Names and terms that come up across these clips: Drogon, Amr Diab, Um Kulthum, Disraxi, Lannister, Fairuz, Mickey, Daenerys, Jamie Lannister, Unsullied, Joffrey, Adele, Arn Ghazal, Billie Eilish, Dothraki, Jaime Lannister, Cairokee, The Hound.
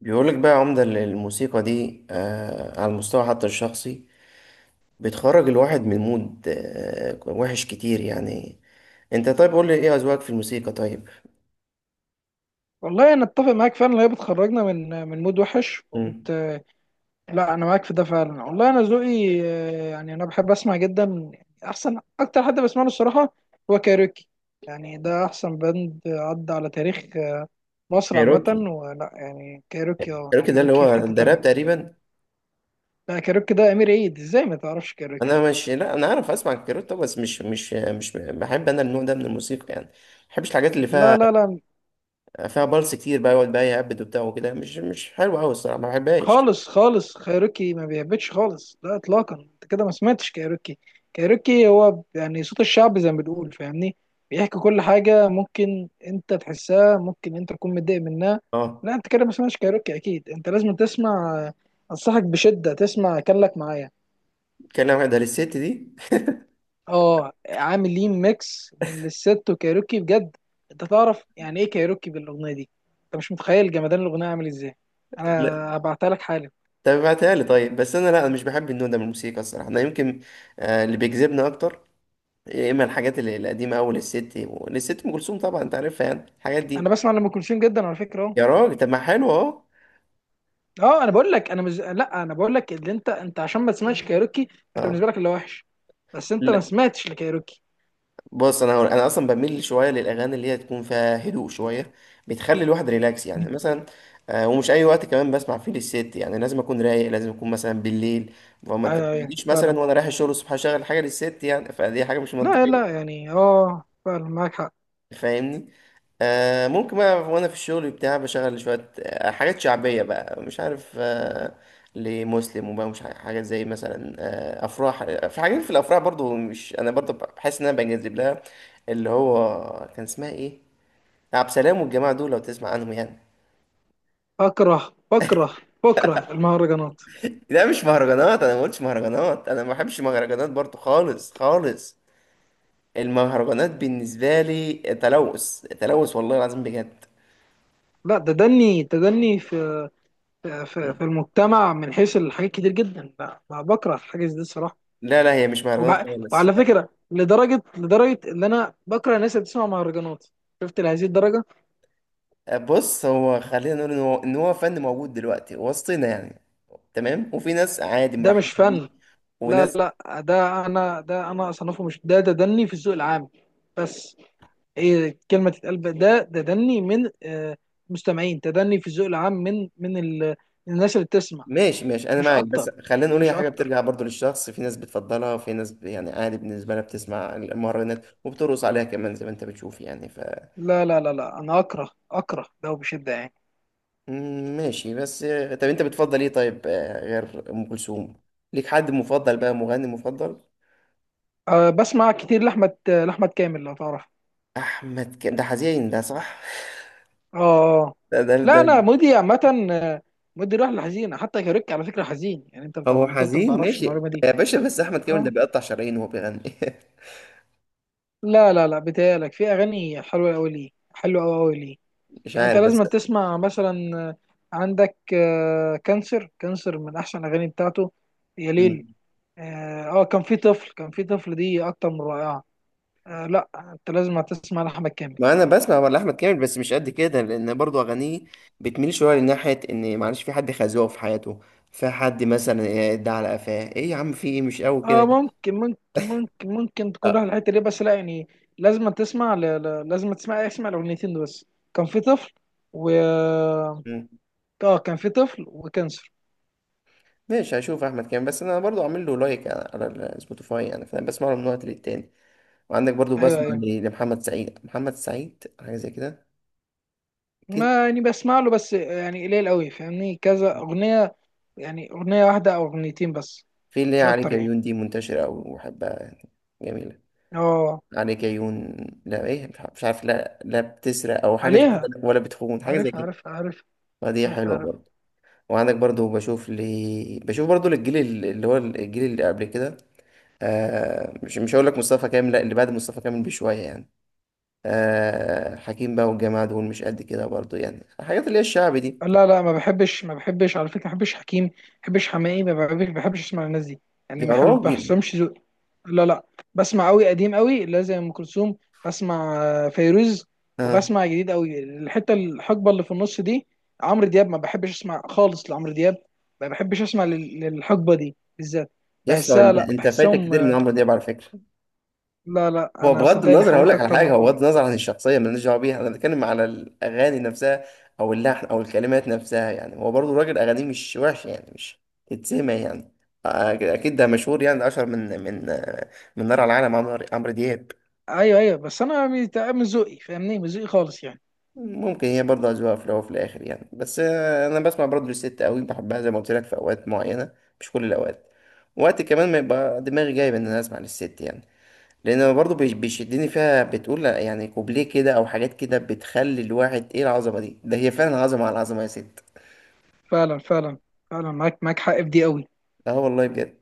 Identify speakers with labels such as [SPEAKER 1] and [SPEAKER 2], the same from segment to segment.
[SPEAKER 1] بيقولك بقى يا عمدة إن الموسيقى دي على المستوى حتى الشخصي. بتخرج الواحد من مود وحش كتير يعني. انت طيب قول لي ايه اذواقك في الموسيقى؟ طيب.
[SPEAKER 2] والله انا اتفق معاك فعلا اللي هي بتخرجنا من مود وحش
[SPEAKER 1] مم.
[SPEAKER 2] وبت... لا انا معاك في ده فعلا. والله انا ذوقي يعني انا بحب اسمع جدا. يعني احسن اكتر حد بسمع له الصراحه هو كايروكي. يعني ده احسن باند عدى على تاريخ مصر عامه.
[SPEAKER 1] كايروكي.
[SPEAKER 2] ولا يعني كايروكي اه،
[SPEAKER 1] كايروكي ده اللي
[SPEAKER 2] كايروكي في
[SPEAKER 1] هو
[SPEAKER 2] حته
[SPEAKER 1] ده راب
[SPEAKER 2] تانية.
[SPEAKER 1] تقريبا.
[SPEAKER 2] لا، كايروكي ده امير عيد، ازاي ما تعرفش كايروكي؟
[SPEAKER 1] انا مش لا، انا عارف اسمع كايروكي طبعا، بس مش بحب انا النوع ده من الموسيقى يعني، ما بحبش الحاجات اللي
[SPEAKER 2] لا
[SPEAKER 1] فيها
[SPEAKER 2] لا لا
[SPEAKER 1] فيها بلس كتير بقى، يقعد بقى يهبد وبتاع وكده، مش حلوه قوي الصراحه، ما بحبهاش.
[SPEAKER 2] خالص خالص، خيروكي ما بيهبطش خالص، لا اطلاقا. انت كده ما سمعتش كايروكي. كايروكي هو يعني صوت الشعب زي ما بنقول، فاهمني؟ بيحكي كل حاجه ممكن انت تحسها، ممكن انت تكون متضايق منها.
[SPEAKER 1] اه،
[SPEAKER 2] لا انت كده ما سمعتش كايروكي، اكيد انت لازم تسمع. انصحك بشده تسمع كان لك معايا.
[SPEAKER 1] كان واحد، ده الست دي.
[SPEAKER 2] اه، عاملين ميكس من للست وكايروكي، بجد انت تعرف يعني ايه كايروكي بالاغنيه دي. انت مش متخيل جمدان الاغنيه عامل ازاي، انا هبعتها لك حالا.
[SPEAKER 1] طب ابعتها لي طيب، بس لا، انا مش بحب النوع ده من الموسيقى الصراحه. انا يمكن اللي بيجذبني اكتر يا اما الحاجات القديمه قوي للست. للست ام كلثوم، طبعا انت عارفها يعني الحاجات
[SPEAKER 2] انا
[SPEAKER 1] دي.
[SPEAKER 2] بسمع لام كلثوم جدا على فكره اهو.
[SPEAKER 1] يا راجل، طب ما حلو اهو.
[SPEAKER 2] اه، انا بقول لك انا مش لا انا بقول لك اللي انت عشان ما تسمعش كايروكي انت
[SPEAKER 1] اه.
[SPEAKER 2] بالنسبه لك اللي وحش، بس انت ما
[SPEAKER 1] لا،
[SPEAKER 2] سمعتش لكايروكي.
[SPEAKER 1] بص، انا هقول انا اصلا بميل شويه للاغاني اللي هي تكون فيها هدوء شويه، بتخلي الواحد ريلاكس يعني. مثلا ومش اي وقت كمان بسمع فيه للست يعني، لازم اكون رايق، لازم اكون مثلا بالليل. فما
[SPEAKER 2] ايوه ايوه
[SPEAKER 1] تجيش
[SPEAKER 2] فعلا.
[SPEAKER 1] مثلا وانا رايح الشغل الصبح اشغل حاجه للست، يعني فدي حاجه مش
[SPEAKER 2] لا
[SPEAKER 1] منطقيه.
[SPEAKER 2] لا، يعني اه فعلا معاك حق.
[SPEAKER 1] فاهمني. ممكن بقى وانا في الشغل بتاع بشغل شوية حاجات شعبية بقى، مش عارف، لمسلم وبقى، مش عارف حاجات زي مثلا افراح. في حاجات في الافراح برضو، مش انا برضو بحس ان انا بنجذب لها. اللي هو كان اسمها ايه، عبد السلام والجماعة دول، لو تسمع عنهم يعني.
[SPEAKER 2] بكره، بكره بكره المهرجانات.
[SPEAKER 1] لا، مش مهرجانات، انا ما قلتش مهرجانات. انا ما بحبش مهرجانات برضو، خالص خالص. المهرجانات بالنسبة لي تلوث، تلوث والله العظيم بجد.
[SPEAKER 2] لا تدني تدني في في, في المجتمع من حيث الحاجات كتير جدا، لا ما بكره الحاجات دي الصراحه.
[SPEAKER 1] لا لا، هي مش مهرجانات
[SPEAKER 2] وبع...
[SPEAKER 1] خالص.
[SPEAKER 2] وعلى فكره لدرجه ان انا بكره الناس اللي بتسمع مهرجانات، شفت لهذه الدرجه؟
[SPEAKER 1] بص، هو خلينا نقول ان هو فن موجود دلوقتي وسطنا يعني، تمام. وفي ناس عادي
[SPEAKER 2] ده مش
[SPEAKER 1] مرحبة بيه،
[SPEAKER 2] فن. لا
[SPEAKER 1] وناس.
[SPEAKER 2] لا، ده انا ده انا اصنفه مش ده، ده دني في الذوق العام. بس ايه كلمه تتقال بقى؟ ده ده دني من مستمعين، تدني في الذوق العام من الناس اللي بتسمع.
[SPEAKER 1] ماشي ماشي، انا
[SPEAKER 2] مش
[SPEAKER 1] معاك، بس
[SPEAKER 2] اكتر،
[SPEAKER 1] خلينا نقول هي
[SPEAKER 2] مش
[SPEAKER 1] حاجه
[SPEAKER 2] اكتر.
[SPEAKER 1] بترجع برضو للشخص. في ناس بتفضلها، وفي ناس يعني عادي بالنسبه لها، بتسمع المهرجانات وبترقص عليها كمان زي ما انت بتشوف يعني
[SPEAKER 2] لا انا اكره، اكره ده بشده يعني.
[SPEAKER 1] مم، ماشي. بس طب انت بتفضل ايه طيب غير ام كلثوم؟ ليك حد مفضل بقى، مغني مفضل؟
[SPEAKER 2] أه بسمع كتير لاحمد كامل لو تعرف.
[SPEAKER 1] ده حزين، ده صح.
[SPEAKER 2] اه. آه.
[SPEAKER 1] ده.
[SPEAKER 2] لا انا مودي عامه، آه، مودي رايح لحزين، حتى كاريك على فكره حزين يعني، انت بتاع
[SPEAKER 1] هو
[SPEAKER 2] انت ما
[SPEAKER 1] حزين
[SPEAKER 2] تعرفش
[SPEAKER 1] ماشي
[SPEAKER 2] المعلومه دي.
[SPEAKER 1] يا باشا، بس احمد كامل ده بيقطع شرايين وهو بيغني.
[SPEAKER 2] لا بتهيألك، في أغاني حلوة أوي، ليه حلوة أوي أوي ليه؟
[SPEAKER 1] مش
[SPEAKER 2] يعني أنت
[SPEAKER 1] عارف بس.
[SPEAKER 2] لازم تسمع مثلا آه، عندك كانسر، كانسر من أحسن الأغاني بتاعته. يا ليل،
[SPEAKER 1] مم.
[SPEAKER 2] اه كان في طفل، كان في طفل دي أكتر من رائعة. آه لا، أنت لازم تسمع لأحمد كامل.
[SPEAKER 1] ما انا بسمع ولا احمد كامل، بس مش قد كده، لان برضو اغانيه بتميل شويه لناحيه ان معلش في حد خازوق في حياته، في حد مثلا ده على قفاه، ايه يا عم، في ايه، مش قوي
[SPEAKER 2] اه
[SPEAKER 1] كده.
[SPEAKER 2] ممكن، ممكن تكون رايح
[SPEAKER 1] اه.
[SPEAKER 2] الحتة دي بس لا يعني لازم تسمع اسمع الأغنيتين دول بس، كان في طفل، و اه
[SPEAKER 1] مم.
[SPEAKER 2] كان في طفل وكانسر.
[SPEAKER 1] ماشي، هشوف احمد كامل، بس انا برضو عامل له لايك على السبوتيفاي يعني، فانا بسمع له من وقت للتاني. وعندك برضو
[SPEAKER 2] ايوه
[SPEAKER 1] بسمع
[SPEAKER 2] ايوه.
[SPEAKER 1] لمحمد سعيد. محمد سعيد حاجه زي كده. اكيد.
[SPEAKER 2] ما يعني بسمع له بس يعني قليل قوي، فاهمني؟ كذا اغنيه، يعني اغنيه واحده او اغنيتين بس،
[SPEAKER 1] في اللي هي
[SPEAKER 2] مش
[SPEAKER 1] عليك
[SPEAKER 2] اكتر
[SPEAKER 1] يا
[SPEAKER 2] يعني.
[SPEAKER 1] عيون، دي منتشره قوي وبحبها يعني، جميله.
[SPEAKER 2] اه،
[SPEAKER 1] عليك عيون. لا، ايه، مش عارف، مش عارف، لا لا، بتسرق او حاجه زي كده،
[SPEAKER 2] عليها.
[SPEAKER 1] ولا بتخون حاجه زي
[SPEAKER 2] عارف
[SPEAKER 1] كده،
[SPEAKER 2] عارف عارف.
[SPEAKER 1] فدي
[SPEAKER 2] عارف
[SPEAKER 1] حلوه
[SPEAKER 2] عارف.
[SPEAKER 1] برضه. وعندك برضه بشوف لي، بشوف برضه للجيل اللي هو الجيل اللي قبل كده. مش مش هقول لك مصطفى كامل، لا، اللي بعد مصطفى كامل بشويه يعني، حكيم بقى والجماعه دول، مش قد كده برضه يعني، الحاجات اللي هي الشعبي دي.
[SPEAKER 2] لا لا، ما بحبش ما بحبش على فكره، ما بحبش حكيم، ما بحبش حماقي، ما بحبش، ما بحبش اسمع الناس دي يعني. ما
[SPEAKER 1] يا
[SPEAKER 2] بحب، ما
[SPEAKER 1] راجل.
[SPEAKER 2] بحسهمش ذوق. لا لا، بسمع قوي قديم قوي اللي هي زي ام كلثوم، بسمع فيروز.
[SPEAKER 1] اه.
[SPEAKER 2] وبسمع جديد قوي، الحته الحقبه اللي في النص دي عمرو دياب، ما بحبش اسمع خالص لعمرو دياب. ما بحبش اسمع للحقبه دي بالذات،
[SPEAKER 1] يسطا
[SPEAKER 2] بحسها
[SPEAKER 1] انت
[SPEAKER 2] لا
[SPEAKER 1] انت فايتك
[SPEAKER 2] بحسهم
[SPEAKER 1] كتير من
[SPEAKER 2] آه.
[SPEAKER 1] عمرو دياب على فكره.
[SPEAKER 2] لا لا،
[SPEAKER 1] هو
[SPEAKER 2] انا
[SPEAKER 1] بغض
[SPEAKER 2] صدقني
[SPEAKER 1] النظر هقول
[SPEAKER 2] حاولت
[SPEAKER 1] لك على
[SPEAKER 2] اكتر من
[SPEAKER 1] حاجه، هو
[SPEAKER 2] مره.
[SPEAKER 1] بغض النظر عن الشخصيه مالناش دعوه بيها، انا بتكلم على الاغاني نفسها او اللحن او الكلمات نفسها يعني. هو برضو الراجل اغانيه مش وحش يعني، مش تتسمع يعني. أك- اكيد ده مشهور يعني، ده اشهر من نار على العالم، عمرو دياب.
[SPEAKER 2] ايوه ايوه، بس انا مش مش ذوقي، فاهمني؟ مش ذوقي خالص يعني.
[SPEAKER 1] ممكن هي برضه أذواق في الأول وفي الآخر يعني. بس أنا بسمع برضه للست أوي، بحبها زي ما قلت لك في أوقات معينة، مش كل الأوقات. وقت كمان ما يبقى دماغي جايب إن أنا أسمع للست يعني. لان أنا برضو بيشدني فيها، بتقول لأ، يعني كوبليه كده او حاجات كده بتخلي الواحد ايه العظمه دي، ده هي فعلا عظمه على عظمه يا ست.
[SPEAKER 2] فعلا، فعلا. فعلا معاك، معاك حق في دي قوي.
[SPEAKER 1] اه والله بجد.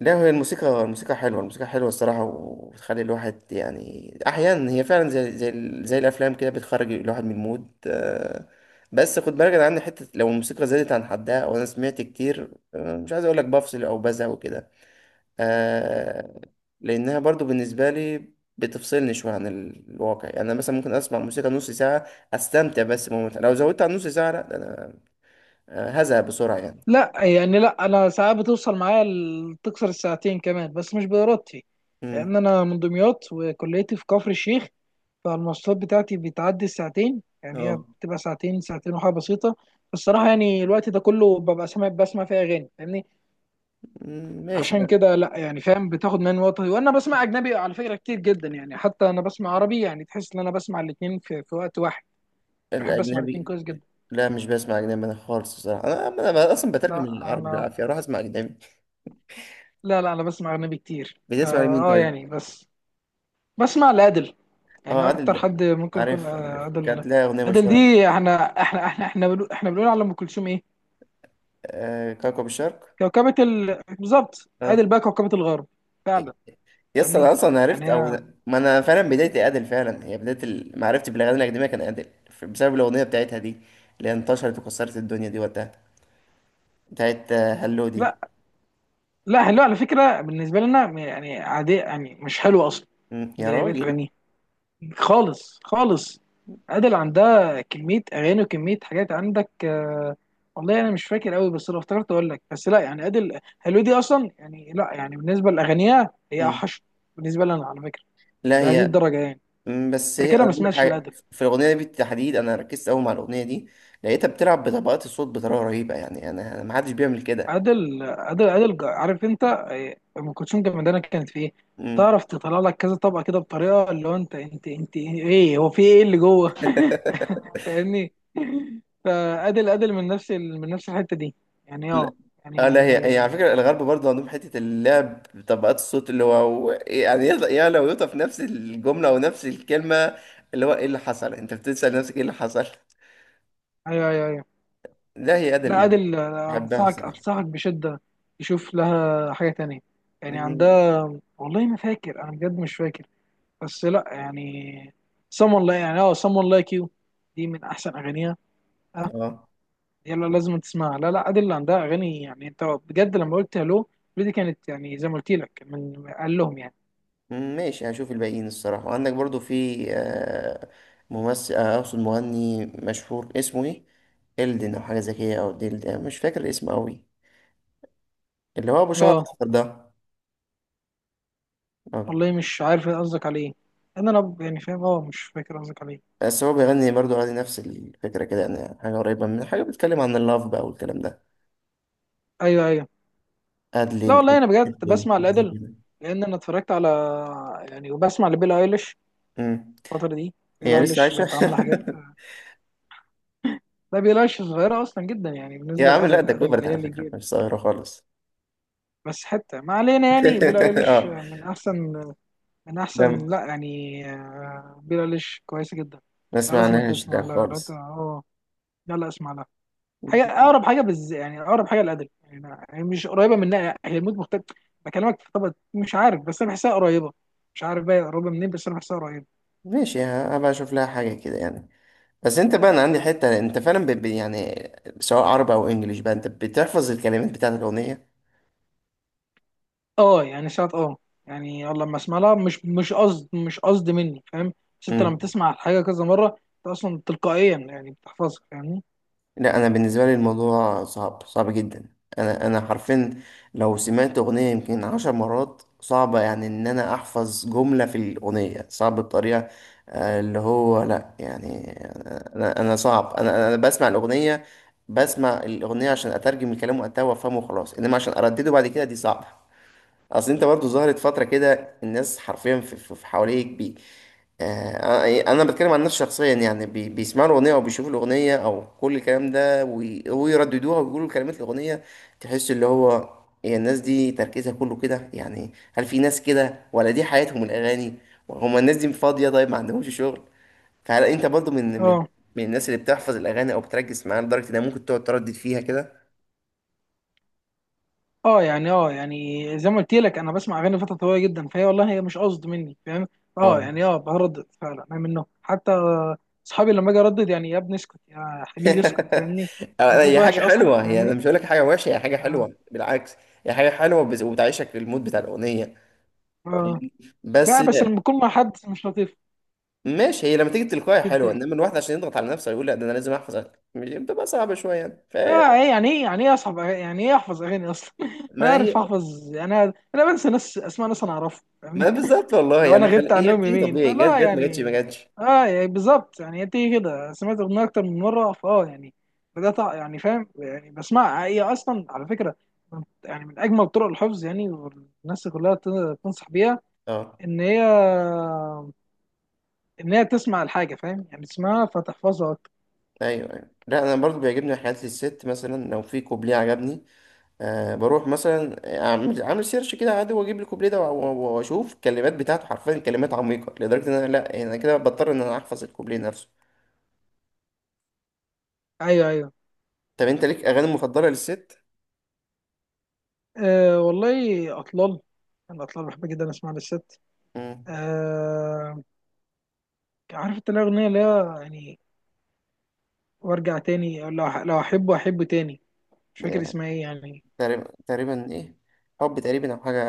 [SPEAKER 1] لا، هي الموسيقى حلوه، الموسيقى حلوه الصراحه، وبتخلي الواحد يعني احيانا، هي فعلا زي الافلام كده، بتخرج الواحد من المود. بس خد بالك انا عندي حته، لو الموسيقى زادت عن حدها او انا سمعت كتير مش عايز اقول لك بفصل او بزهق وكده. آه لأنها برضو بالنسبة لي بتفصلني شوية عن الواقع يعني. أنا مثلا ممكن أسمع موسيقى نص ساعة، أستمتع بس بموت. لو زودت عن نص ساعة، لأ، ده أنا هزهق بسرعة يعني.
[SPEAKER 2] لا يعني، لا انا ساعات بتوصل معايا تكسر الساعتين كمان، بس مش بارادتي.
[SPEAKER 1] مم.
[SPEAKER 2] لان انا من دمياط وكليتي في كفر الشيخ، فالمواصلات بتاعتي بتعدي الساعتين. يعني هي
[SPEAKER 1] اه.
[SPEAKER 2] بتبقى ساعتين، ساعتين وحاجه بسيطه الصراحه. يعني الوقت ده كله ببقى سامع، بسمع فيها اغاني، فاهمني؟
[SPEAKER 1] مم، ماشي
[SPEAKER 2] عشان
[SPEAKER 1] لأ.
[SPEAKER 2] كده لا يعني فاهم، بتاخد مني وقت. وانا بسمع اجنبي على فكره كتير جدا يعني، حتى انا بسمع عربي يعني، تحس ان انا بسمع الاثنين في وقت واحد. بحب اسمع الاثنين
[SPEAKER 1] الأجنبي.
[SPEAKER 2] كويس جدا.
[SPEAKER 1] لا، مش بسمع أجنبي أنا خالص الصراحة. أنا أصلا بترجم
[SPEAKER 2] لا
[SPEAKER 1] العربي
[SPEAKER 2] انا
[SPEAKER 1] بالعافية أروح أسمع أجنبي.
[SPEAKER 2] لا انا بسمع اجنبي كتير فا.
[SPEAKER 1] بتسمع لمين
[SPEAKER 2] اه
[SPEAKER 1] طيب؟
[SPEAKER 2] يعني بس، بسمع لأدل.
[SPEAKER 1] أه،
[SPEAKER 2] يعني
[SPEAKER 1] عادل
[SPEAKER 2] اكتر
[SPEAKER 1] ده،
[SPEAKER 2] حد ممكن يكون
[SPEAKER 1] عارف عارف،
[SPEAKER 2] أدل.
[SPEAKER 1] كانت لها أغنية
[SPEAKER 2] أدل
[SPEAKER 1] مشهورة.
[SPEAKER 2] دي، احنا بنقول على ام كلثوم ايه؟
[SPEAKER 1] كوكب الشرق.
[SPEAKER 2] كوكبة ال... بالظبط،
[SPEAKER 1] أه.
[SPEAKER 2] أدل بقى كوكبة الغرب فعلا.
[SPEAKER 1] يس،
[SPEAKER 2] فاهمني؟
[SPEAKER 1] انا اصلا
[SPEAKER 2] يعني
[SPEAKER 1] عرفت او،
[SPEAKER 2] هي،
[SPEAKER 1] ما انا فعلا بدايتي ادل فعلا، هي بدايه معرفتي بالاغاني الاكاديميه كان ادل بسبب الاغنيه بتاعتها دي اللي هي انتشرت وكسرت الدنيا دي وقتها، بتاعت هلو دي.
[SPEAKER 2] لا لا، حلو على فكرة بالنسبة لنا يعني عادية، يعني مش حلوة اصلا
[SPEAKER 1] مم. يا
[SPEAKER 2] زي بقية
[SPEAKER 1] راجل.
[SPEAKER 2] اغانيها، خالص خالص. عادل عندها كمية أغاني وكمية حاجات عندك والله أنا مش فاكر أوي، بس لو افتكرت أقول لك. بس لا يعني عادل هلو دي أصلا يعني، لا يعني بالنسبة لأغانيها هي
[SPEAKER 1] مم.
[SPEAKER 2] أوحش بالنسبة لنا على فكرة،
[SPEAKER 1] لا،
[SPEAKER 2] لهذه
[SPEAKER 1] هي.
[SPEAKER 2] الدرجة يعني.
[SPEAKER 1] مم، بس هي
[SPEAKER 2] أنت كده
[SPEAKER 1] انا
[SPEAKER 2] ما
[SPEAKER 1] بقول لك
[SPEAKER 2] سمعتش
[SPEAKER 1] حاجه
[SPEAKER 2] لعادل.
[SPEAKER 1] في الاغنيه دي بالتحديد، انا ركزت قوي مع الاغنيه دي، لقيتها بتلعب بطبقات الصوت بطريقه رهيبه يعني، انا، ما حدش بيعمل كده.
[SPEAKER 2] عادل عارف أنت أم كلثوم جمدانة كانت في إيه؟
[SPEAKER 1] مم.
[SPEAKER 2] تعرف تطلع لك كذا طبقة كده بطريقة اللي هو، أنت إيه هو، في إيه اللي جوه؟ فاهمني؟ فادل من من نفس الحته دي يعني، اه
[SPEAKER 1] لا. اه. لا، هي
[SPEAKER 2] يعني.
[SPEAKER 1] على فكرة الغرب برضه عندهم حتة اللعب بطبقات الصوت، اللي هو يعني يعني لو يوطى في نفس الجملة أو نفس الكلمة، اللي هو إيه اللي حصل؟ أنت بتسأل نفسك إيه اللي حصل؟
[SPEAKER 2] ايوه
[SPEAKER 1] لا، هي أداة
[SPEAKER 2] لا،
[SPEAKER 1] اللي
[SPEAKER 2] ادل
[SPEAKER 1] بحبها
[SPEAKER 2] انصحك،
[SPEAKER 1] الصراحة.
[SPEAKER 2] انصحك بشده تشوف لها حاجه تانية، يعني
[SPEAKER 1] مم.
[SPEAKER 2] عندها، والله ما فاكر انا بجد مش فاكر، بس لا يعني someone like يعني اه someone like you، دي من احسن اغانيها اه.
[SPEAKER 1] اه.
[SPEAKER 2] يلا لازم تسمعها، لا لا ادل اللي عندها اغاني، يعني انت بجد لما قلت هلو دي كانت يعني زي ما قلت لك من قال لهم يعني.
[SPEAKER 1] مم، ماشي، هشوف الباقيين الصراحة. وعندك برضه في ممثل، أقصد مغني مشهور اسمه إيه؟ إلدن أو حاجة زي كده أو ديلدن، مش فاكر اسمه أوي، اللي هو أبو شعر
[SPEAKER 2] اه
[SPEAKER 1] أصفر ده. اه.
[SPEAKER 2] والله مش عارف إيه قصدك عليه، انا لو يعني فاهم اه مش فاكر قصدك عليه.
[SPEAKER 1] بس هو بيغني برضو عادي، نفس الفكرة كده يعني، حاجة قريبة من حاجة بتتكلم عن اللاف بقى والكلام ده،
[SPEAKER 2] ايوه ايوه، لا
[SPEAKER 1] أدلين،
[SPEAKER 2] والله انا بجد
[SPEAKER 1] أدلين
[SPEAKER 2] بسمع
[SPEAKER 1] حاجة زي
[SPEAKER 2] الادل،
[SPEAKER 1] كده.
[SPEAKER 2] لان انا اتفرجت على يعني. وبسمع لبيلي ايليش
[SPEAKER 1] أمم.
[SPEAKER 2] الفتره دي، بيلي
[SPEAKER 1] هي لسه
[SPEAKER 2] ايليش
[SPEAKER 1] عايشة؟
[SPEAKER 2] بقت عامله حاجات. لا، بيلي ايليش صغيره اصلا جدا يعني
[SPEAKER 1] يا
[SPEAKER 2] بالنسبه
[SPEAKER 1] عم لا،
[SPEAKER 2] للادل،
[SPEAKER 1] ده
[SPEAKER 2] الادل
[SPEAKER 1] كبرت
[SPEAKER 2] اللي هي
[SPEAKER 1] على
[SPEAKER 2] اللي
[SPEAKER 1] فكرة،
[SPEAKER 2] كبيره.
[SPEAKER 1] مش صغيرة خالص.
[SPEAKER 2] بس حتى ما علينا، يعني بيلي ايليش
[SPEAKER 1] اه.
[SPEAKER 2] من احسن، من احسن
[SPEAKER 1] لا،
[SPEAKER 2] لا يعني بيلي ايليش كويسه جدا.
[SPEAKER 1] ما
[SPEAKER 2] لا لازم
[SPEAKER 1] سمعناهاش ده
[SPEAKER 2] تسمع، لا لا ت-
[SPEAKER 1] خالص.
[SPEAKER 2] اه لا لا، اسمع لها حاجه، اقرب حاجه بز يعني اقرب حاجه للادب يعني، هي مش قريبه منها، هي الموت مختلف بكلمك في، طب مش عارف، بس انا بحسها قريبه، مش عارف بقى قريبه منين، بس انا بحسها قريبه.
[SPEAKER 1] ماشي، هبقى أشوف لها حاجة كده يعني. بس انت بقى، انا عندي حتة، انت فعلا يعني سواء عربي او انجليش بقى، انت بتحفظ الكلمات بتاعت الاغنية.
[SPEAKER 2] اه يعني ساعات اه، يعني والله لما اسمع لها مش قصد مني فاهم، بس انت لما تسمع الحاجه كذا مره انت اصلا تلقائيا يعني بتحفظها، فاهمني؟
[SPEAKER 1] لا انا، بالنسبه لي الموضوع صعب، صعب جدا. انا حرفيا لو سمعت اغنيه يمكن عشر مرات، صعبه يعني ان انا احفظ جمله في الاغنيه، صعب بطريقه اللي هو لا يعني، انا صعب، انا بسمع الاغنيه عشان اترجم الكلام وقتها وافهمه وخلاص، انما عشان اردده بعد كده دي صعبه. اصل انت برضو ظهرت فترة كده، الناس حرفيا في حواليك انا بتكلم عن نفسي شخصيا يعني، بيسمعوا الاغنية او بيشوفوا الاغنية او كل الكلام ده ويرددوها ويقولوا كلمات الاغنية، تحس اللي هو، هي الناس دي تركيزها كله كده يعني. هل في ناس كده ولا دي حياتهم الاغاني؟ وهم الناس دي فاضية؟ طيب ما عندهمش شغل؟ فهل انت برضو من من
[SPEAKER 2] اه،
[SPEAKER 1] من الناس اللي بتحفظ الاغاني او بتركز معاها لدرجة انها ممكن تقعد تردد فيها كده؟
[SPEAKER 2] اه يعني، اه يعني زي ما قلت لك انا بسمع اغاني فتره طويله جدا، فهي والله هي مش قصد مني فاهم. اه يعني،
[SPEAKER 1] اه.
[SPEAKER 2] اه بردد فعلا انا منه، حتى اصحابي لما اجي اردد يعني يا ابني اسكت، يا حبيبي اسكت، فاهمني؟ انا صوت
[SPEAKER 1] هي حاجة
[SPEAKER 2] وحش اصلا،
[SPEAKER 1] حلوة، هي أنا
[SPEAKER 2] فاهمني؟
[SPEAKER 1] مش هقول لك حاجة وحشة، هي حاجة
[SPEAKER 2] اه.
[SPEAKER 1] حلوة بالعكس. هي حاجة حلوة وبتعيشك للمود بتاع الأغنية
[SPEAKER 2] اه،
[SPEAKER 1] فاهمني. بس
[SPEAKER 2] لا بس لما بكون مع حد مش لطيف
[SPEAKER 1] ماشي، هي لما تيجي تلقائي حلوة،
[SPEAKER 2] بتضايق.
[SPEAKER 1] إنما الواحد عشان يضغط على نفسه يقول لا، ده أنا لازم أحفظ بتبقى صعبة شوية يعني
[SPEAKER 2] اه، ايه يعني، ايه يعني، ايه اصحاب أغاني؟ يعني ايه احفظ اغاني اصلا؟ انا
[SPEAKER 1] ما
[SPEAKER 2] عارف
[SPEAKER 1] هي
[SPEAKER 2] احفظ؟ انا بنسى ناس، اسماء ناس انا اعرفها،
[SPEAKER 1] ما
[SPEAKER 2] فاهمني؟
[SPEAKER 1] بالظبط والله
[SPEAKER 2] لو انا
[SPEAKER 1] يعني
[SPEAKER 2] غبت
[SPEAKER 1] هي
[SPEAKER 2] عنهم
[SPEAKER 1] بتيجي
[SPEAKER 2] يومين
[SPEAKER 1] طبيعي، جت
[SPEAKER 2] فلا
[SPEAKER 1] جت، ما جتش ما
[SPEAKER 2] يعني.
[SPEAKER 1] جتش.
[SPEAKER 2] اه يعني بالظبط يعني، هي بتيجي كده، سمعت اغنيه اكتر من مره فاه يعني، بدات يعني فاهم يعني بسمعها. هي اصلا على فكره يعني من اجمل طرق الحفظ يعني، والناس كلها تنصح بيها،
[SPEAKER 1] أه.
[SPEAKER 2] ان هي ان هي تسمع الحاجه فاهم يعني، تسمعها فتحفظها اكتر.
[SPEAKER 1] أيوه أيوه. لا، أنا برضو بيعجبني حياة الست، مثلا لو في كوبليه عجبني أه، بروح مثلا عامل سيرش كده عادي، واجيب الكوبليه ده واشوف الكلمات بتاعته، حرفيا كلمات عميقه لدرجه ان انا لا يعني، انا كده بضطر ان انا احفظ الكوبليه نفسه.
[SPEAKER 2] ايوه ايوه.
[SPEAKER 1] طب انت ليك اغاني مفضله للست؟
[SPEAKER 2] أه والله اطلال، انا اطلال بحب جدا اسمع للست.
[SPEAKER 1] مم.
[SPEAKER 2] أه، عارف انت الاغنيه اللي هي يعني وارجع تاني، لو احبه احبه تاني، مش فاكر
[SPEAKER 1] يعني
[SPEAKER 2] اسمها ايه يعني.
[SPEAKER 1] تقريبا، تقريبا ايه، حب تقريبا او حاجه.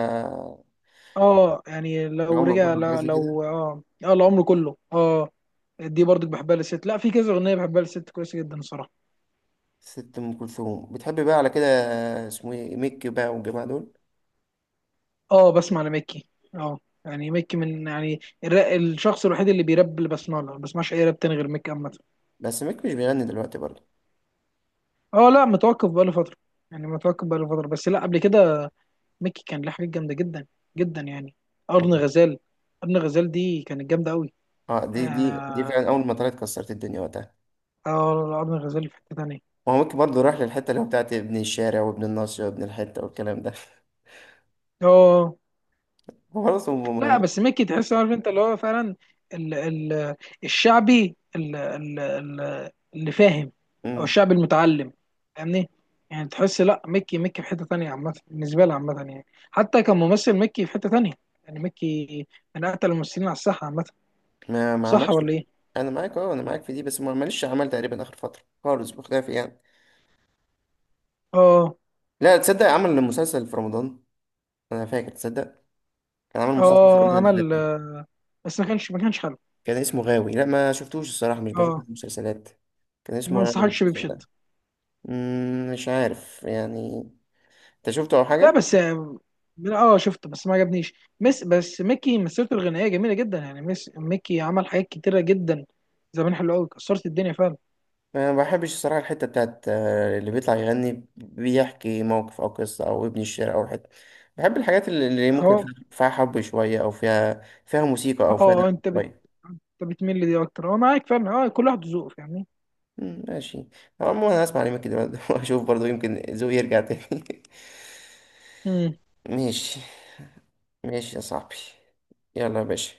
[SPEAKER 2] اه يعني لو
[SPEAKER 1] العمر
[SPEAKER 2] رجع،
[SPEAKER 1] كله حاجه
[SPEAKER 2] لا
[SPEAKER 1] زي كده.
[SPEAKER 2] لو اه، اه العمر كله اه. دي برضك بحبها للست، لا في كذا اغنيه بحبها للست كويسه جدا الصراحه.
[SPEAKER 1] ست ام كلثوم بتحب بقى على كده. اسمه ايه، ميك بقى والجماعه دول.
[SPEAKER 2] اه، بسمع لميكي. اه يعني ميكي من يعني الشخص الوحيد اللي بيراب، اللي بسمع له، ما بسمعش اي راب تاني غير ميكي عامه.
[SPEAKER 1] بس ميك مش بيغني دلوقتي برضه.
[SPEAKER 2] اه، لا متوقف بقاله فتره، يعني متوقف بقاله فتره، بس لا قبل كده ميكي كان له حاجات جامده جدا، جدا يعني.
[SPEAKER 1] اه.
[SPEAKER 2] ارن غزال، ارن غزال دي كانت جامده قوي.
[SPEAKER 1] دي
[SPEAKER 2] اه.
[SPEAKER 1] فعلا، اول ما طلعت كسرت الدنيا وقتها.
[SPEAKER 2] اه، ارن غزال في حته تانيه.
[SPEAKER 1] هو ممكن برضه يروح للحتة اللي هو بتاعت ابن الشارع وابن الناصية وابن الحتة والكلام ده.
[SPEAKER 2] اه،
[SPEAKER 1] هو خلاص، هم
[SPEAKER 2] لا
[SPEAKER 1] مهمين.
[SPEAKER 2] بس ميكي تحس عارف انت اللي هو فعلا ال ال الشعبي ال ال ال اللي فاهم، او
[SPEAKER 1] مم.
[SPEAKER 2] الشعبي المتعلم، فاهمني؟ يعني تحس، لا ميكي، ميكي في حتة تانية عامة بالنسبة لي عامة يعني، حتى كممثل ميكي في حتة تانية يعني. ميكي من أقتل الممثلين على الساحة عامة،
[SPEAKER 1] ما
[SPEAKER 2] صح
[SPEAKER 1] عملش.
[SPEAKER 2] ولا إيه؟
[SPEAKER 1] أنا معاك، أه أنا معاك في دي، بس ما عملش، عمل تقريبا آخر فترة خالص بخلافي يعني.
[SPEAKER 2] اه.
[SPEAKER 1] لا تصدق، عمل مسلسل في رمضان. أنا فاكر، تصدق؟ كان عمل مسلسل في
[SPEAKER 2] اه،
[SPEAKER 1] رمضان اللي فات
[SPEAKER 2] عمل
[SPEAKER 1] ده.
[SPEAKER 2] بس ما كانش، ما كانش حلو.
[SPEAKER 1] كان اسمه غاوي. لا ما شفتوش الصراحة، مش بشوف
[SPEAKER 2] اه،
[SPEAKER 1] المسلسلات. كان
[SPEAKER 2] ما
[SPEAKER 1] اسمه غاوي
[SPEAKER 2] انصحكش بيه
[SPEAKER 1] المسلسل
[SPEAKER 2] بشدة.
[SPEAKER 1] ده. مم، مش عارف يعني. أنت شفته أو
[SPEAKER 2] لا
[SPEAKER 1] حاجة؟
[SPEAKER 2] بس من اه شفته بس ما عجبنيش. مس، بس ميكي مسيرته الغنائيه جميله جدا يعني. مس، ميكي عمل حاجات كتيره جدا زمان حلوه قوي، كسرت الدنيا فعلا.
[SPEAKER 1] انا ما بحبش الصراحه الحته بتاعت اللي بيطلع يغني بيحكي موقف او قصه او ابن الشعر او حته. بحب الحاجات اللي ممكن فيها،
[SPEAKER 2] اه.
[SPEAKER 1] فيها حب شويه، او فيها موسيقى، او فيها
[SPEAKER 2] اه
[SPEAKER 1] لحن
[SPEAKER 2] انت بت...
[SPEAKER 1] شويه.
[SPEAKER 2] أنت بتميل لدي اكتر، اه معاك فعلا، اه كل واحد ذوقه، فاهمني؟
[SPEAKER 1] مم، ماشي. عموما انا هسمع عليك كده. واشوف برضو يمكن ذوقي يرجع تاني. ماشي. ماشي يا صاحبي. يلا يا باشا.